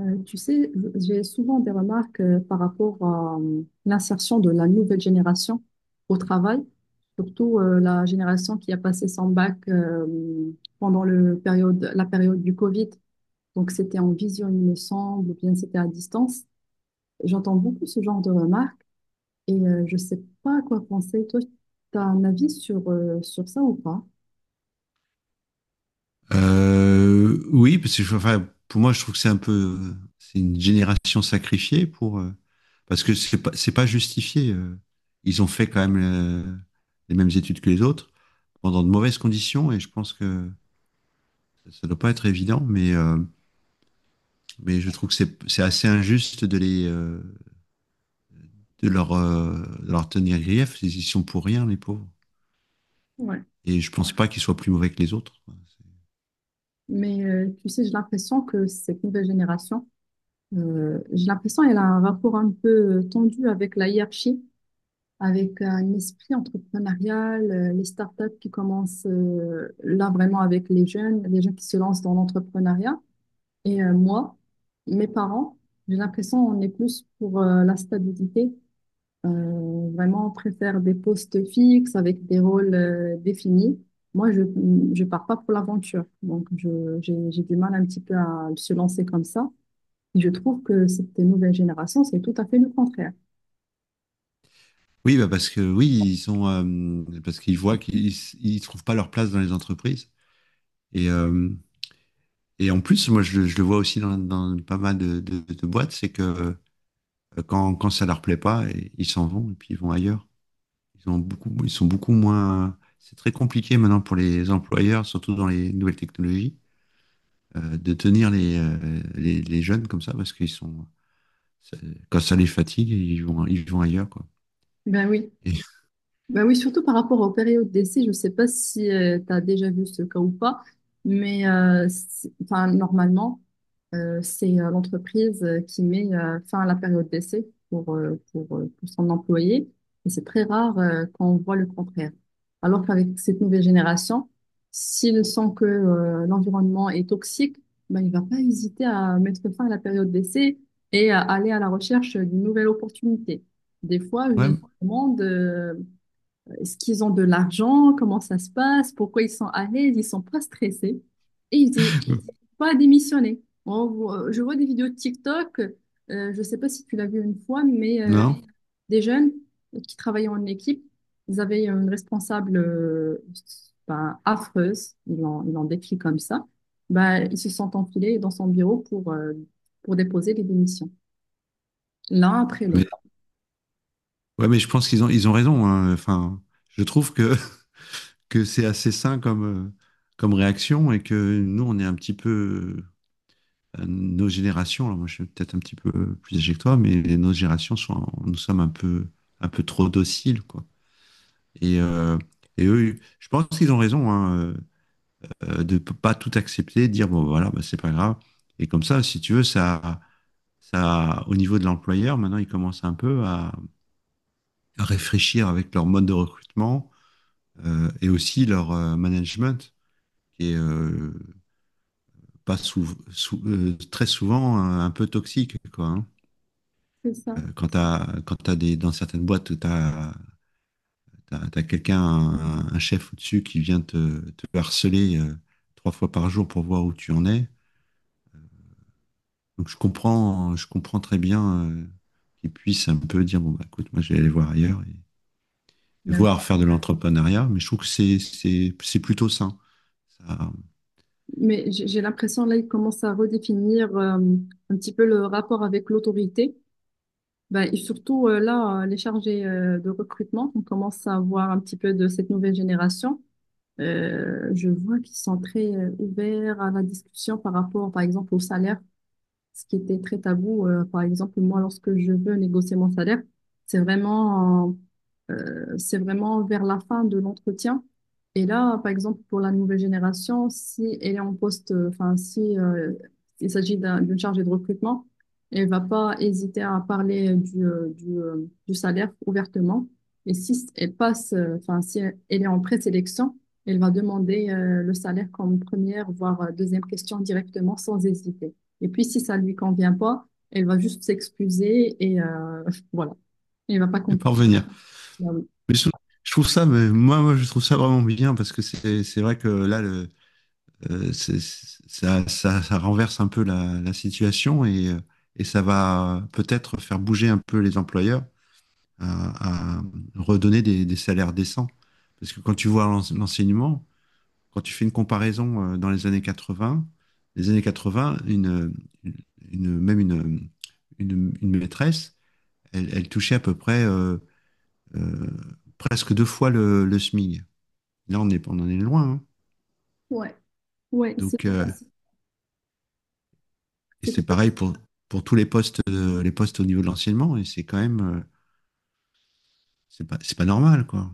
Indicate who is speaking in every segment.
Speaker 1: Tu sais, j'ai souvent des remarques par rapport à l'insertion de la nouvelle génération au travail, surtout la génération qui a passé son bac pendant la période du Covid. Donc c'était en vision, il me semble, ou bien c'était à distance. J'entends beaucoup ce genre de remarques, et je sais pas à quoi penser. Toi, tu as un avis sur ça ou pas?
Speaker 2: Oui, parce que enfin, pour moi, je trouve que c'est une génération sacrifiée parce que c'est pas justifié. Ils ont fait quand même, les mêmes études que les autres pendant de mauvaises conditions et je pense que ça doit pas être évident, mais mais je trouve que c'est assez injuste de les, de leur, de leur tenir grief. Ils y sont pour rien, les pauvres.
Speaker 1: Ouais.
Speaker 2: Et je pense pas qu'ils soient plus mauvais que les autres.
Speaker 1: Mais tu sais, j'ai l'impression que cette nouvelle génération j'ai l'impression qu'elle a un rapport un peu tendu avec la hiérarchie, avec un esprit entrepreneurial, les startups qui commencent là vraiment avec les jeunes qui se lancent dans l'entrepreneuriat. Et moi, mes parents, j'ai l'impression qu'on est plus pour la stabilité. Vraiment, on préfère des postes fixes avec des rôles définis. Moi, je pars pas pour l'aventure, donc j'ai du mal un petit peu à se lancer comme ça. Je trouve que cette nouvelle génération, c'est tout à fait le contraire.
Speaker 2: Oui, bah parce que oui, ils sont parce qu'ils voient qu'ils, ils trouvent pas leur place dans les entreprises. Et, euh, et en plus, moi, je le vois aussi dans, dans pas mal de boîtes, c'est que quand ça leur plaît pas, ils s'en vont et puis ils vont ailleurs. Ils sont beaucoup moins. C'est très compliqué maintenant pour les employeurs, surtout dans les nouvelles technologies, de tenir les, les jeunes comme ça parce qu'ils sont ça- quand ça les fatigue, ils vont ailleurs quoi.
Speaker 1: Ben oui,
Speaker 2: Et,
Speaker 1: bah oui, surtout par rapport aux périodes d'essai, je ne sais pas si tu as déjà vu ce cas ou pas, mais enfin, normalement, c'est l'entreprise qui met fin à la période d'essai pour son employé, et c'est très rare qu'on voit le contraire. Alors qu'avec cette nouvelle génération, s'il sent que l'environnement est toxique, bah, il ne va pas hésiter à mettre fin à la période d'essai et à aller à la recherche d'une nouvelle opportunité. Des fois, je
Speaker 2: ouais,
Speaker 1: me demande est-ce qu'ils ont de l'argent? Comment ça se passe? Pourquoi ils sont à l'aise? Ils sont pas stressés. Et ils disent pas démissionner. Je vois des vidéos de TikTok. Je sais pas si tu l'as vu une fois, mais
Speaker 2: non,
Speaker 1: des jeunes qui travaillaient en équipe, ils avaient une responsable affreuse. Ils l'ont décrit comme ça. Ben, ils se sont enfilés dans son bureau pour déposer les démissions, l'un après
Speaker 2: mais
Speaker 1: l'autre.
Speaker 2: Ouais, mais je pense qu'ils ils ont raison, hein. Enfin, je trouve que que c'est assez sain comme comme réaction et que nous, on est un petit peu. Nos générations, alors moi je suis peut-être un petit peu plus âgé que toi, mais nos générations nous sommes un peu trop dociles, quoi. Et, euh, et eux, je pense qu'ils ont raison, hein, de pas tout accepter, de dire bon voilà, bah, c'est pas grave. Et comme ça, si tu veux, ça au niveau de l'employeur, maintenant, ils commencent un peu à réfléchir avec leur mode de recrutement et aussi leur management qui est pas très souvent un peu toxique, quoi, hein.
Speaker 1: C'est ça.
Speaker 2: Quand t'as des, dans certaines boîtes, t'as quelqu'un, un chef au-dessus qui vient te harceler trois fois par jour pour voir où tu en es. Donc je comprends très bien qu'il puisse un peu dire, bon bah écoute, moi je vais aller voir ailleurs et voir faire de l'entrepreneuriat, mais je trouve que c'est plutôt sain. Ça,
Speaker 1: Mais j'ai l'impression là, il commence à redéfinir un petit peu le rapport avec l'autorité. Ben, et surtout là, les chargés de recrutement, on commence à voir un petit peu de cette nouvelle génération. Je vois qu'ils sont très ouverts à la discussion par rapport, par exemple, au salaire, ce qui était très tabou. Par exemple, moi, lorsque je veux négocier mon salaire, c'est vraiment, c'est vraiment vers la fin de l'entretien. Et là, par exemple, pour la nouvelle génération, si elle est en poste, enfin, si il s'agit d'une chargée de recrutement, elle va pas hésiter à parler du salaire ouvertement. Et si elle passe, enfin, si elle est en présélection, elle va demander le salaire comme première, voire deuxième question directement sans hésiter. Et puis, si ça lui convient pas, elle va juste s'excuser et voilà. Elle va pas
Speaker 2: je vais
Speaker 1: continuer.
Speaker 2: pas revenir.
Speaker 1: Ah oui.
Speaker 2: Mais je, je trouve ça, mais moi, je trouve ça vraiment bien parce que c'est vrai que là, le, c'est- ça renverse un peu la situation et ça va peut-être faire bouger un peu les employeurs à redonner des salaires décents. Parce que quand tu vois l'enseignement, quand tu fais une comparaison dans les années 80, les années 80, une, une, une- même une, une, une maîtresse, elle touchait à peu près euh, presque deux fois le SMIC. Là, on en est loin, hein.
Speaker 1: Ouais, ouais,
Speaker 2: Donc, euh, et
Speaker 1: c'est tout
Speaker 2: c'est
Speaker 1: à
Speaker 2: pareil pour tous les postes au niveau de l'enseignement. Et c'est quand même, c'est pas normal, quoi.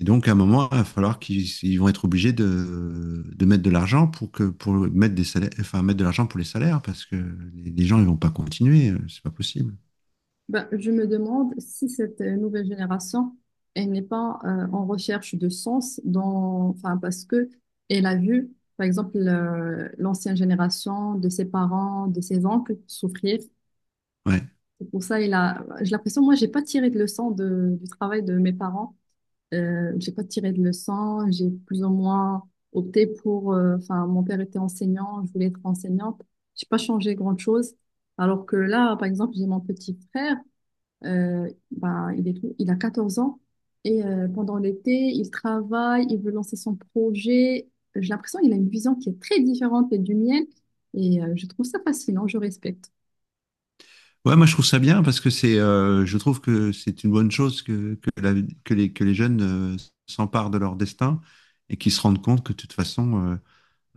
Speaker 2: Et donc, à un moment, il va falloir qu'ils, ils vont être obligés de mettre de l'argent pour que, pour mettre des salaires, enfin, mettre de l'argent pour les salaires parce que les gens, ils vont pas continuer. C'est pas possible.
Speaker 1: Ben, je me demande si cette nouvelle génération, elle n'est pas en recherche de sens enfin, parce que elle a vu, par exemple, l'ancienne génération de ses parents, de ses oncles souffrir.
Speaker 2: Ouais.
Speaker 1: C'est pour ça, j'ai l'impression, moi, j'ai pas tiré de leçon du travail de mes parents. J'ai pas tiré de leçons, j'ai plus ou moins opté enfin, mon père était enseignant, je voulais être enseignante. J'ai pas changé grand-chose. Alors que là, par exemple, j'ai mon petit frère, il a 14 ans, et pendant l'été, il travaille, il veut lancer son projet. J'ai l'impression qu'il a une vision qui est très différente et du mien, et je trouve ça fascinant, je respecte.
Speaker 2: Ouais, moi, je trouve ça bien parce que je trouve que c'est une bonne chose que que les jeunes euh, s'emparent de leur destin et qu'ils se rendent compte que, de toute façon,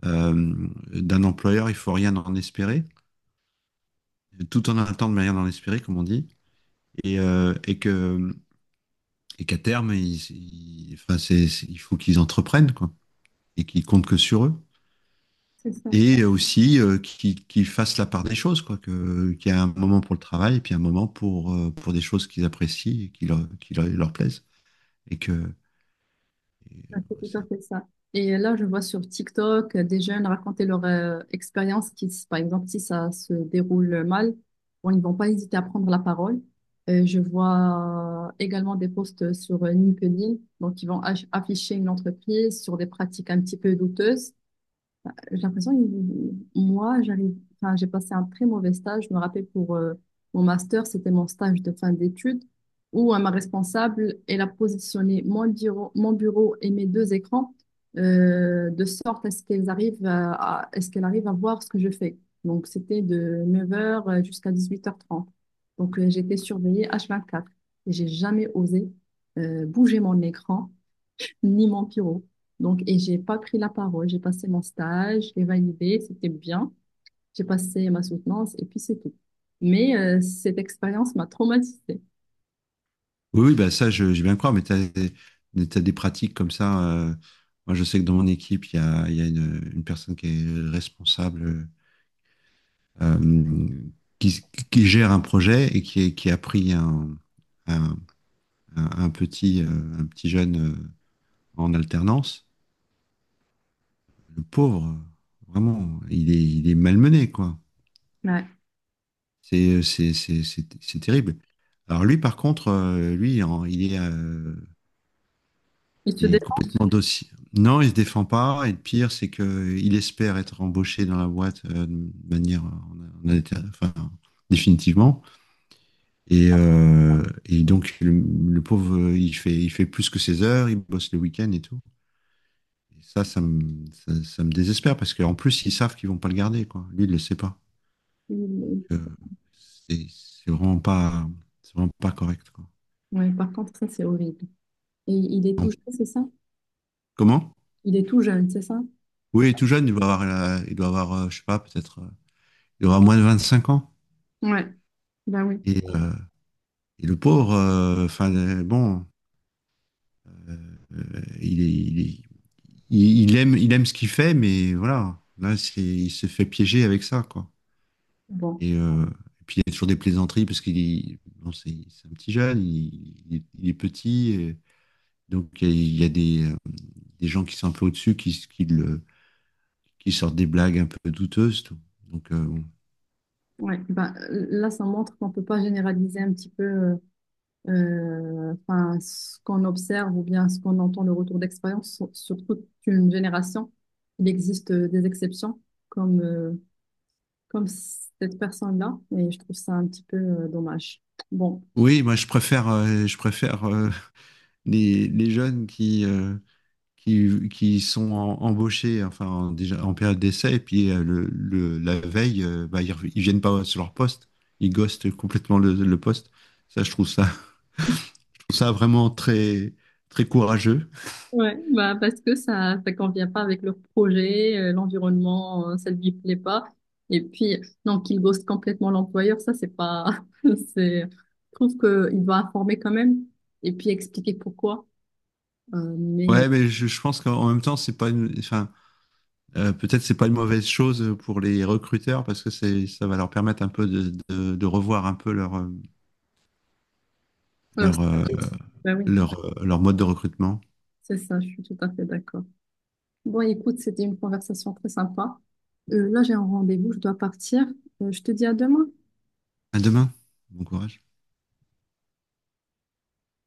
Speaker 2: d'un employeur, il faut rien en espérer, tout en attendant de rien en espérer, comme on dit, et que qu'à terme, enfin, il faut qu'ils entreprennent quoi, et qu'ils comptent que sur eux.
Speaker 1: C'est ça.
Speaker 2: Et aussi qu'ils fassent la part des choses, quoi, qu'il y a un moment pour le travail et puis un moment pour des choses qu'ils apprécient et qui leur, leur plaisent. Et que et,
Speaker 1: Ah, c'est tout à
Speaker 2: euh,
Speaker 1: fait ça. Et là, je vois sur TikTok des jeunes raconter leur expérience par exemple, si ça se déroule mal, bon, ils vont pas hésiter à prendre la parole. Je vois également des posts sur LinkedIn, donc ils vont afficher une entreprise sur des pratiques un petit peu douteuses. J'ai l'impression que moi, enfin, j'ai passé un très mauvais stage. Je me rappelle pour mon master, c'était mon stage de fin d'études où ma responsable, elle a positionné mon bureau et mes deux écrans de sorte à ce qu'elles arrivent à ce qu'elle arrive à voir ce que je fais. Donc, c'était de 9 heures jusqu'à 18h30. Donc, j'étais surveillée H24 et j'ai jamais osé bouger mon écran ni mon pyro. Donc, et j'ai pas pris la parole. J'ai passé mon stage, j'ai validé, c'était bien. J'ai passé ma soutenance et puis c'est tout. Mais cette expérience m'a traumatisée.
Speaker 2: Oui, oui, bah ça, je bien croire, mais tu as, des pratiques comme ça. Moi, je sais que dans mon équipe, il y a une personne qui est responsable, euh, qui gère un projet et qui a pris un, un, un petit, un petit jeune en alternance. Le pauvre, vraiment, il est malmené, quoi.
Speaker 1: Ouais.
Speaker 2: C'est terrible. Alors lui, par contre, il est,
Speaker 1: Il se
Speaker 2: il
Speaker 1: dé-
Speaker 2: est complètement dossier. Non, il se défend pas. Et le pire, c'est que il espère être embauché dans la boîte de manière enfin, définitivement. Et donc, le pauvre, il fait plus que ses heures, il bosse le week-end et tout. Et ça me désespère parce qu'en plus, ils savent qu'ils vont pas le garder, quoi. Lui, il le sait pas. Donc,
Speaker 1: il-
Speaker 2: euh, c'est c'est vraiment pas correct, quoi.
Speaker 1: Ouais, par contre, ça, c'est horrible. Et il est tout
Speaker 2: Donc,
Speaker 1: jeune, c'est ça?
Speaker 2: comment?
Speaker 1: Il est tout jeune, c'est ça?
Speaker 2: Oui, il est tout jeune, il doit avoir, je sais pas, peut-être, il doit avoir moins de 25 ans.
Speaker 1: Ouais, bah oui.
Speaker 2: Et, euh, et le pauvre, enfin bon, euh, il est, il est- il aime ce qu'il fait, mais voilà, il se fait piéger avec ça, quoi.
Speaker 1: Bon,
Speaker 2: Et, euh, et puis il y a toujours des plaisanteries parce qu'il est, bon, c'est un petit jeune, il est petit, et donc il y a des gens qui sont un peu au-dessus, qui qui sortent des blagues un peu douteuses, tout. Donc euh, bon.
Speaker 1: ouais, là, ça montre qu'on peut pas généraliser un petit peu enfin, ce qu'on observe ou bien ce qu'on entend, le retour d'expérience sur toute une génération, il existe des exceptions comme, euh, comme cette personne-là, et je trouve ça un petit peu dommage. Bon,
Speaker 2: Oui, moi je préfère les jeunes qui qui sont embauchés, enfin déjà en période d'essai, et puis la veille, bah, ils viennent pas sur leur poste, ils ghostent complètement le poste. Ça, je trouve ça, je trouve ça vraiment très, très courageux.
Speaker 1: ouais, bah parce que ça convient pas avec leur projet, l'environnement, ça lui plaît pas. Et puis, non, qu'il ghoste complètement l'employeur, ça, c'est pas. C'est... Je trouve que il doit informer quand même et puis expliquer pourquoi. Mais,
Speaker 2: Ouais, mais je pense qu'en même temps, c'est pas une, enfin, peut-être c'est pas une mauvaise chose pour les recruteurs parce que c'est, ça va leur permettre un peu de revoir un peu
Speaker 1: alors, ça,
Speaker 2: leur, euh,
Speaker 1: bah oui.
Speaker 2: leur mode de recrutement.
Speaker 1: C'est ça, je suis tout à fait d'accord. Bon, écoute, c'était une conversation très sympa. Là, j'ai un rendez-vous, je dois partir. Je te dis à demain.
Speaker 2: À demain. Bon courage.